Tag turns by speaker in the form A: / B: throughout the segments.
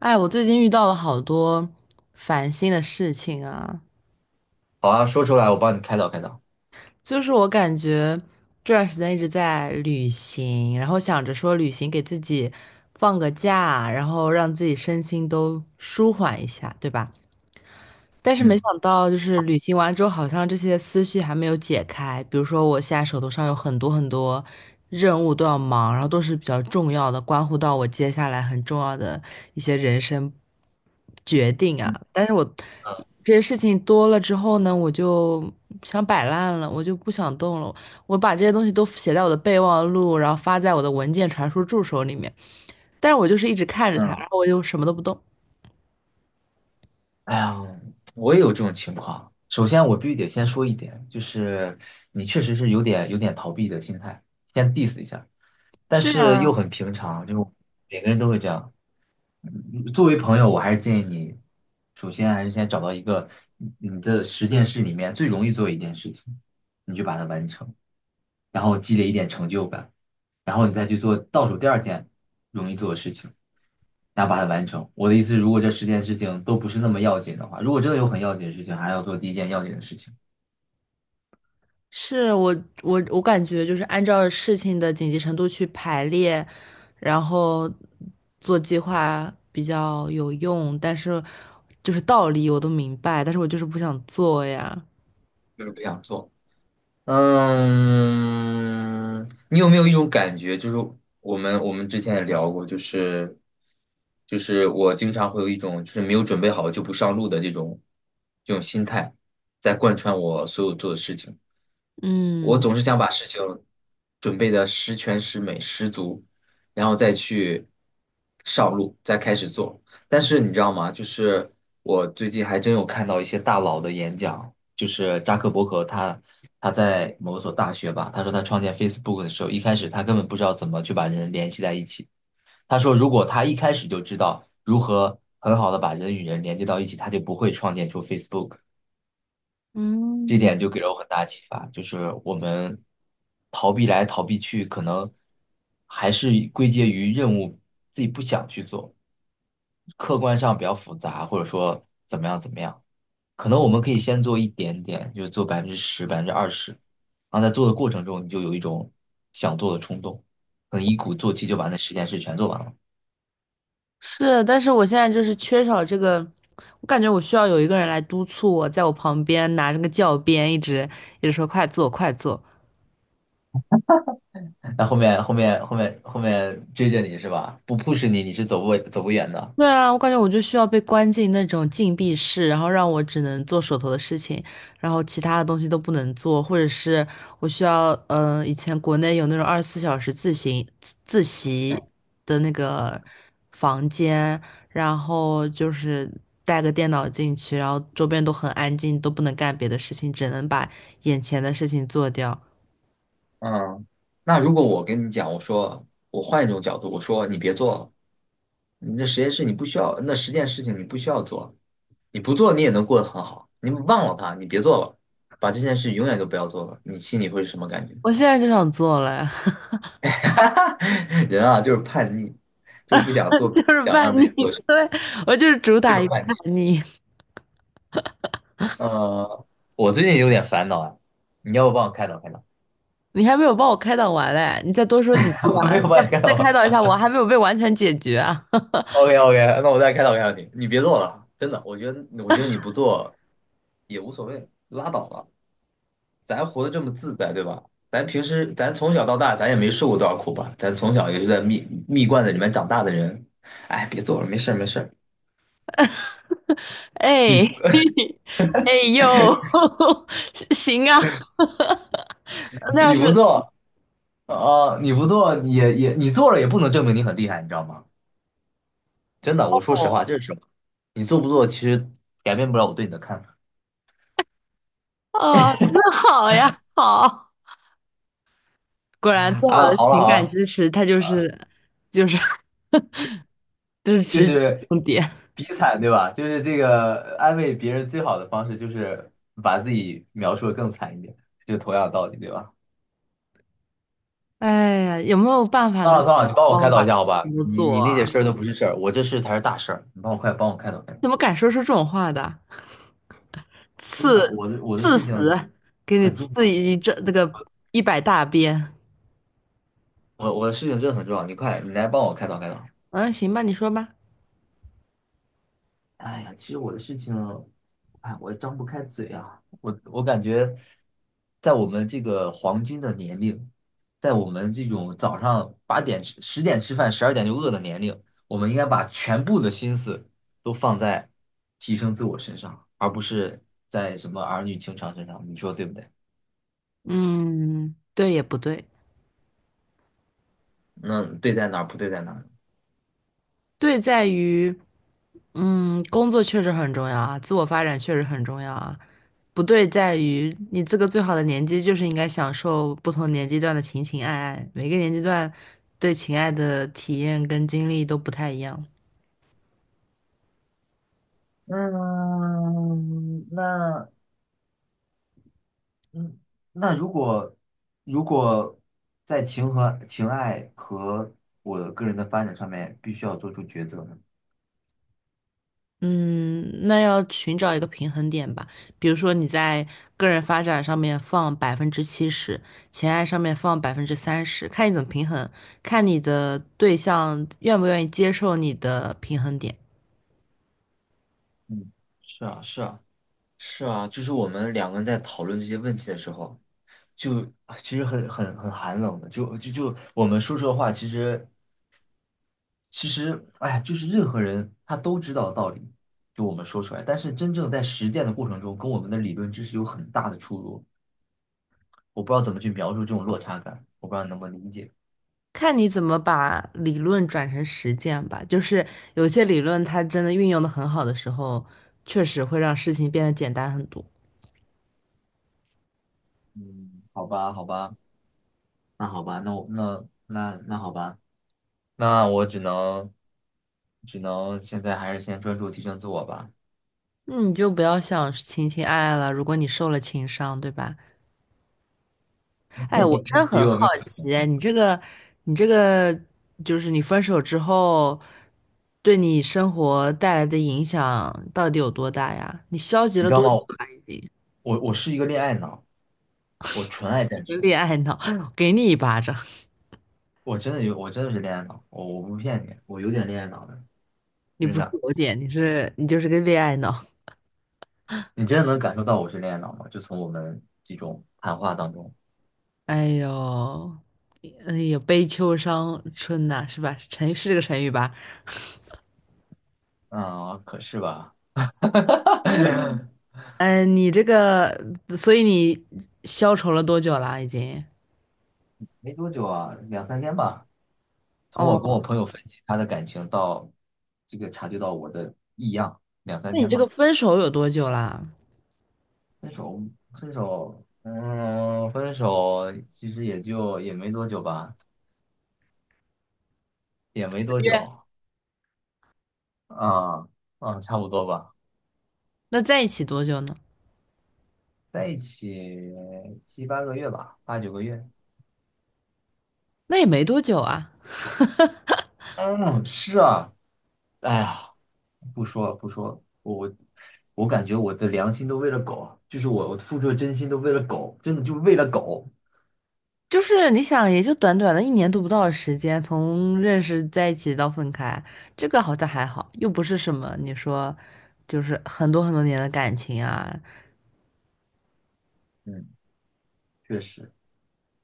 A: 哎，我最近遇到了好多烦心的事情啊，
B: 好啊，说出来，我帮你开导开导。
A: 就是我感觉这段时间一直在旅行，然后想着说旅行给自己放个假，然后让自己身心都舒缓一下，对吧？但是没
B: 嗯
A: 想到，就是旅行完之后，好像这些思绪还没有解开。比如说，我现在手头上有很多很多任务都要忙，然后都是比较重要的，关乎到我接下来很重要的一些人生决定
B: 嗯
A: 啊。但是我
B: 嗯，
A: 这些事情多了之后呢，我就想摆烂了，我就不想动了。我把这些东西都写在我的备忘录，然后发在我的文件传输助手里面，但是我就是一直看着它，
B: 嗯
A: 然后我就什么都不动。
B: 哎呀，我也有这种情况。首先，我必须得先说一点，就是你确实是有点逃避的心态，先 diss 一下，但是又很平常，就每个人都会这样。嗯作为朋友，我还是建议你，首先还是先找到一个你的十件事里面最容易做一件事情，你就把它完成。然后积累一点成就感，然后你再去做倒数第二件容易做的事情，然后把它完成。我的意思是如果这十件事情都不是那么要紧的话，如果真的有很要紧的事情，还要做第一件要紧的事情，
A: 是我感觉就是按照事情的紧急程度去排列，然后做计划比较有用，但是就是道理我都明白，但是我就是不想做呀。
B: 就是不想做。嗯，你有没有一种感觉，就是我们之前也聊过，就是就是我经常会有一种就是没有准备好就不上路的这种心态，在贯穿我所有做的事情。我
A: 嗯
B: 总是想把事情准备的十全十美、十足，然后再去上路，再开始做。但是你知道吗？就是我最近还真有看到一些大佬的演讲，就是扎克伯格他他在某所大学吧，他说他创建 Facebook 的时候，一开始他根本不知道怎么去把人联系在一起。他说如果他一开始就知道如何很好的把人与人连接到一起，他就不会创建出 Facebook。这
A: 嗯，
B: 点就给了我很大启发，就是我们逃避来逃避去，可能还是归结于任务自己不想去做，客观上比较复杂，或者说怎么样怎么样，可能我们可以先做一点点，就是做百分之十、百分之二十，然后在做的过程中，你就有一种想做的冲动，可能一鼓作气就把那十件事全做完了。
A: 是，但是我现在就是缺少这个，我感觉我需要有一个人来督促我，在我旁边拿着个教鞭，一直一直说快做快做。
B: 那后面追着你是吧？不 push 你，你是走不远的。
A: 对啊，我感觉我就需要被关进那种禁闭室，然后让我只能做手头的事情，然后其他的东西都不能做，或者是我需要，以前国内有那种24小时自习自习的那个房间，然后就是带个电脑进去，然后周边都很安静，都不能干别的事情，只能把眼前的事情做掉。
B: 嗯，那如果我跟你讲，我说我换一种角度，我说你别做了，你这实验室你不需要，那十件事情你不需要做，你不做你也能过得很好，你忘了它，你别做了，把这件事永远都不要做了，你心里会是什么感觉？
A: 我现在就想做了，
B: 人啊，就是叛逆，就不想 做，
A: 就是
B: 想让
A: 叛
B: 自
A: 逆，
B: 己做事，
A: 对，我就是主
B: 就
A: 打
B: 是
A: 一个
B: 叛
A: 叛
B: 逆。
A: 逆。
B: 呃，我最近有点烦恼啊，你要不帮我开导开导？
A: 你还没有帮我开导完嘞，你再多说几句
B: 我
A: 啊！
B: 没
A: 你
B: 有
A: 再
B: 帮你开
A: 再
B: 导
A: 开
B: 吧，
A: 导一下我，还没有被完全解决啊！
B: OK OK，那我再开导开导你，你别做了，真的，我觉得你不做也无所谓，拉倒了，咱活得这么自在，对吧？咱平时咱从小到大，咱也没受过多少苦吧？咱从小也是在蜜罐子里面长大的人，哎，别做了，没事儿没事儿，
A: 哎，
B: 你
A: 哎呦，行啊，那要
B: 你
A: 是
B: 不做啊、你不做也你做了也不能证明你很厉害，你知道吗？真的，我说实话，
A: 哦
B: 这是实话，你做不做其实改变不了我对你的看法
A: 哦，那好呀，好，果然最好
B: 啊。
A: 的
B: 好了
A: 情
B: 好
A: 感
B: 了。
A: 支持，它就是 就是
B: 就
A: 直击
B: 是
A: 重点。
B: 比惨，对吧？就是这个安慰别人最好的方式，就是把自己描述的更惨一点，就同样的道理，对吧？
A: 哎呀，有没有办法
B: 算了
A: 能
B: 算了，你帮我
A: 帮
B: 开
A: 我
B: 导
A: 把
B: 一
A: 这
B: 下
A: 些
B: 好
A: 事
B: 吧？
A: 情都
B: 你你
A: 做啊？
B: 那件事儿都不是事儿，我这事才是大事儿，你帮我快帮我开导开导。
A: 怎么敢说出这种话的？
B: 真
A: 刺
B: 的，我的事情
A: 死，给你
B: 很重
A: 刺
B: 要，
A: 一这那个100大鞭！
B: 我的事情真的很重要，你快你来帮我开导开导。
A: 嗯，行吧，你说吧。
B: 哎呀，其实我的事情，哎，我张不开嘴啊。我感觉，在我们这个黄金的年龄，在我们这种早上八点吃、十点吃饭、十二点就饿的年龄，我们应该把全部的心思都放在提升自我身上，而不是在什么儿女情长身上。你说对不对？
A: 嗯，对也不对，
B: 那对在哪儿，不对在哪儿？
A: 对在于，工作确实很重要啊，自我发展确实很重要啊。不对在于，你这个最好的年纪就是应该享受不同年纪段的情情爱爱，每个年纪段对情爱的体验跟经历都不太一样。
B: 嗯，那嗯，那如果在情和情爱和我个人的发展上面，必须要做出抉择呢？
A: 嗯，那要寻找一个平衡点吧。比如说你在个人发展上面放70%，情爱上面放30%，看你怎么平衡，看你的对象愿不愿意接受你的平衡点，
B: 嗯，是啊，是啊，是啊，就是我们两个人在讨论这些问题的时候，就其实很寒冷的，就我们说出的话，其实哎，就是任何人他都知道道理，就我们说出来，但是真正在实践的过程中，跟我们的理论知识有很大的出入，我不知道怎么去描述这种落差感，我不知道你能不能理解。
A: 看你怎么把理论转成实践吧。就是有些理论它真的运用的很好的时候，确实会让事情变得简单很多。
B: 嗯，好吧，好吧，那好吧，那我那那那好吧，那我只能现在还是先专注提升自我吧。
A: 那你就不要想情情爱爱了，如果你受了情伤，对吧？哎，我真的
B: 其实
A: 很
B: 我
A: 好
B: 没有事情，
A: 奇哎，你这个，就是你分手之后，对你生活带来的影响到底有多大呀？你消极
B: 你
A: 了
B: 知道
A: 多久
B: 吗？
A: 了？已经，
B: 我是一个恋爱脑，我纯爱
A: 一
B: 战
A: 个
B: 士，
A: 恋爱脑，给你一巴掌！
B: 我真的有，我真的是恋爱脑，我不骗你，我有点恋爱脑的，
A: 你
B: 就是
A: 不是
B: 那，
A: 有点，你是你就是个恋爱脑。
B: 你真的能感受到我是恋爱脑吗？就从我们几种谈话当中，
A: 哎呦，哎呦，悲秋伤春呐、是吧？成是这个成语吧？
B: 啊、可是吧，
A: 嗯，你这个，所以你消愁了多久啦？已经？
B: 没多久啊，两三天吧。从我跟
A: 哦，
B: 我朋友分析他的感情到这个察觉到我的异样，两三
A: 那你
B: 天
A: 这个
B: 吧。
A: 分手有多久啦？
B: 分手，分手，嗯，分手其实也就也没多久吧，也没多久，
A: 约
B: 啊啊，差不多吧，
A: 那在一起多久呢？
B: 在一起七八个月吧，八九个月。
A: 那也没多久啊，
B: 嗯，是啊，哎呀，不说了，不说了，我感觉我的良心都为了狗，就是我付出的真心都为了狗，真的就为了狗。
A: 就是你想，也就短短的一年都不到的时间，从认识在一起到分开，这个好像还好，又不是什么你说，就是很多很多年的感情啊，
B: 嗯，确实。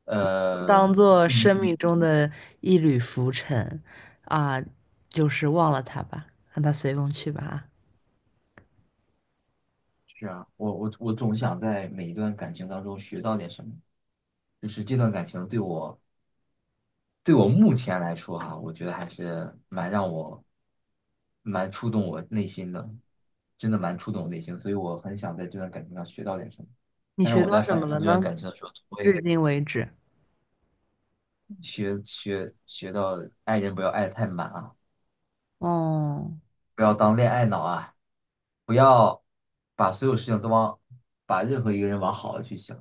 B: 呃，
A: 当做生命中的一缕浮尘啊，就是忘了他吧，让他随风去吧啊
B: 是啊，我总想在每一段感情当中学到点什么，就是这段感情对我目前来说哈、我觉得还是蛮触动我内心的，真的蛮触动我内心，所以我很想在这段感情上学到点什么。
A: 你
B: 但是
A: 学
B: 我
A: 到
B: 在
A: 什
B: 反
A: 么了
B: 思这段
A: 呢？
B: 感情的时候，总会
A: 至今为止，
B: 学到爱人不要爱得太满啊，
A: 哦，
B: 不要当恋爱脑啊，不要把所有事情都往，把任何一个人往好了去想，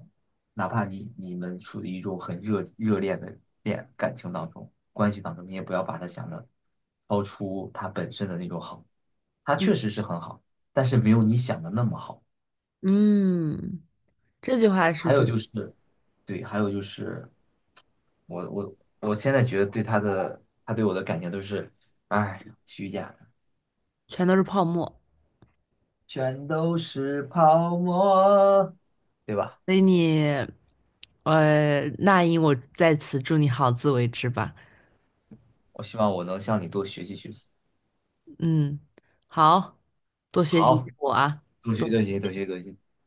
B: 哪怕你们处于一种很热恋的感情当中、关系当中，你也不要把他想的超出他本身的那种好，他
A: 嗯
B: 确实是很好，但是没有你想的那么好。
A: 嗯，这句话是
B: 还有
A: 对的，
B: 就是，对，还有就是，我我我现在觉得对他的，他对我的感情都是，哎呀虚假。
A: 全都是泡沫。
B: 全都是泡沫，对吧？
A: 所以你，那英，我在此祝你好自为之吧。
B: 我希望我能向你多学习学习。
A: 嗯，好，多学习
B: 好，
A: 我啊，
B: 多
A: 多。
B: 学多学多学多学。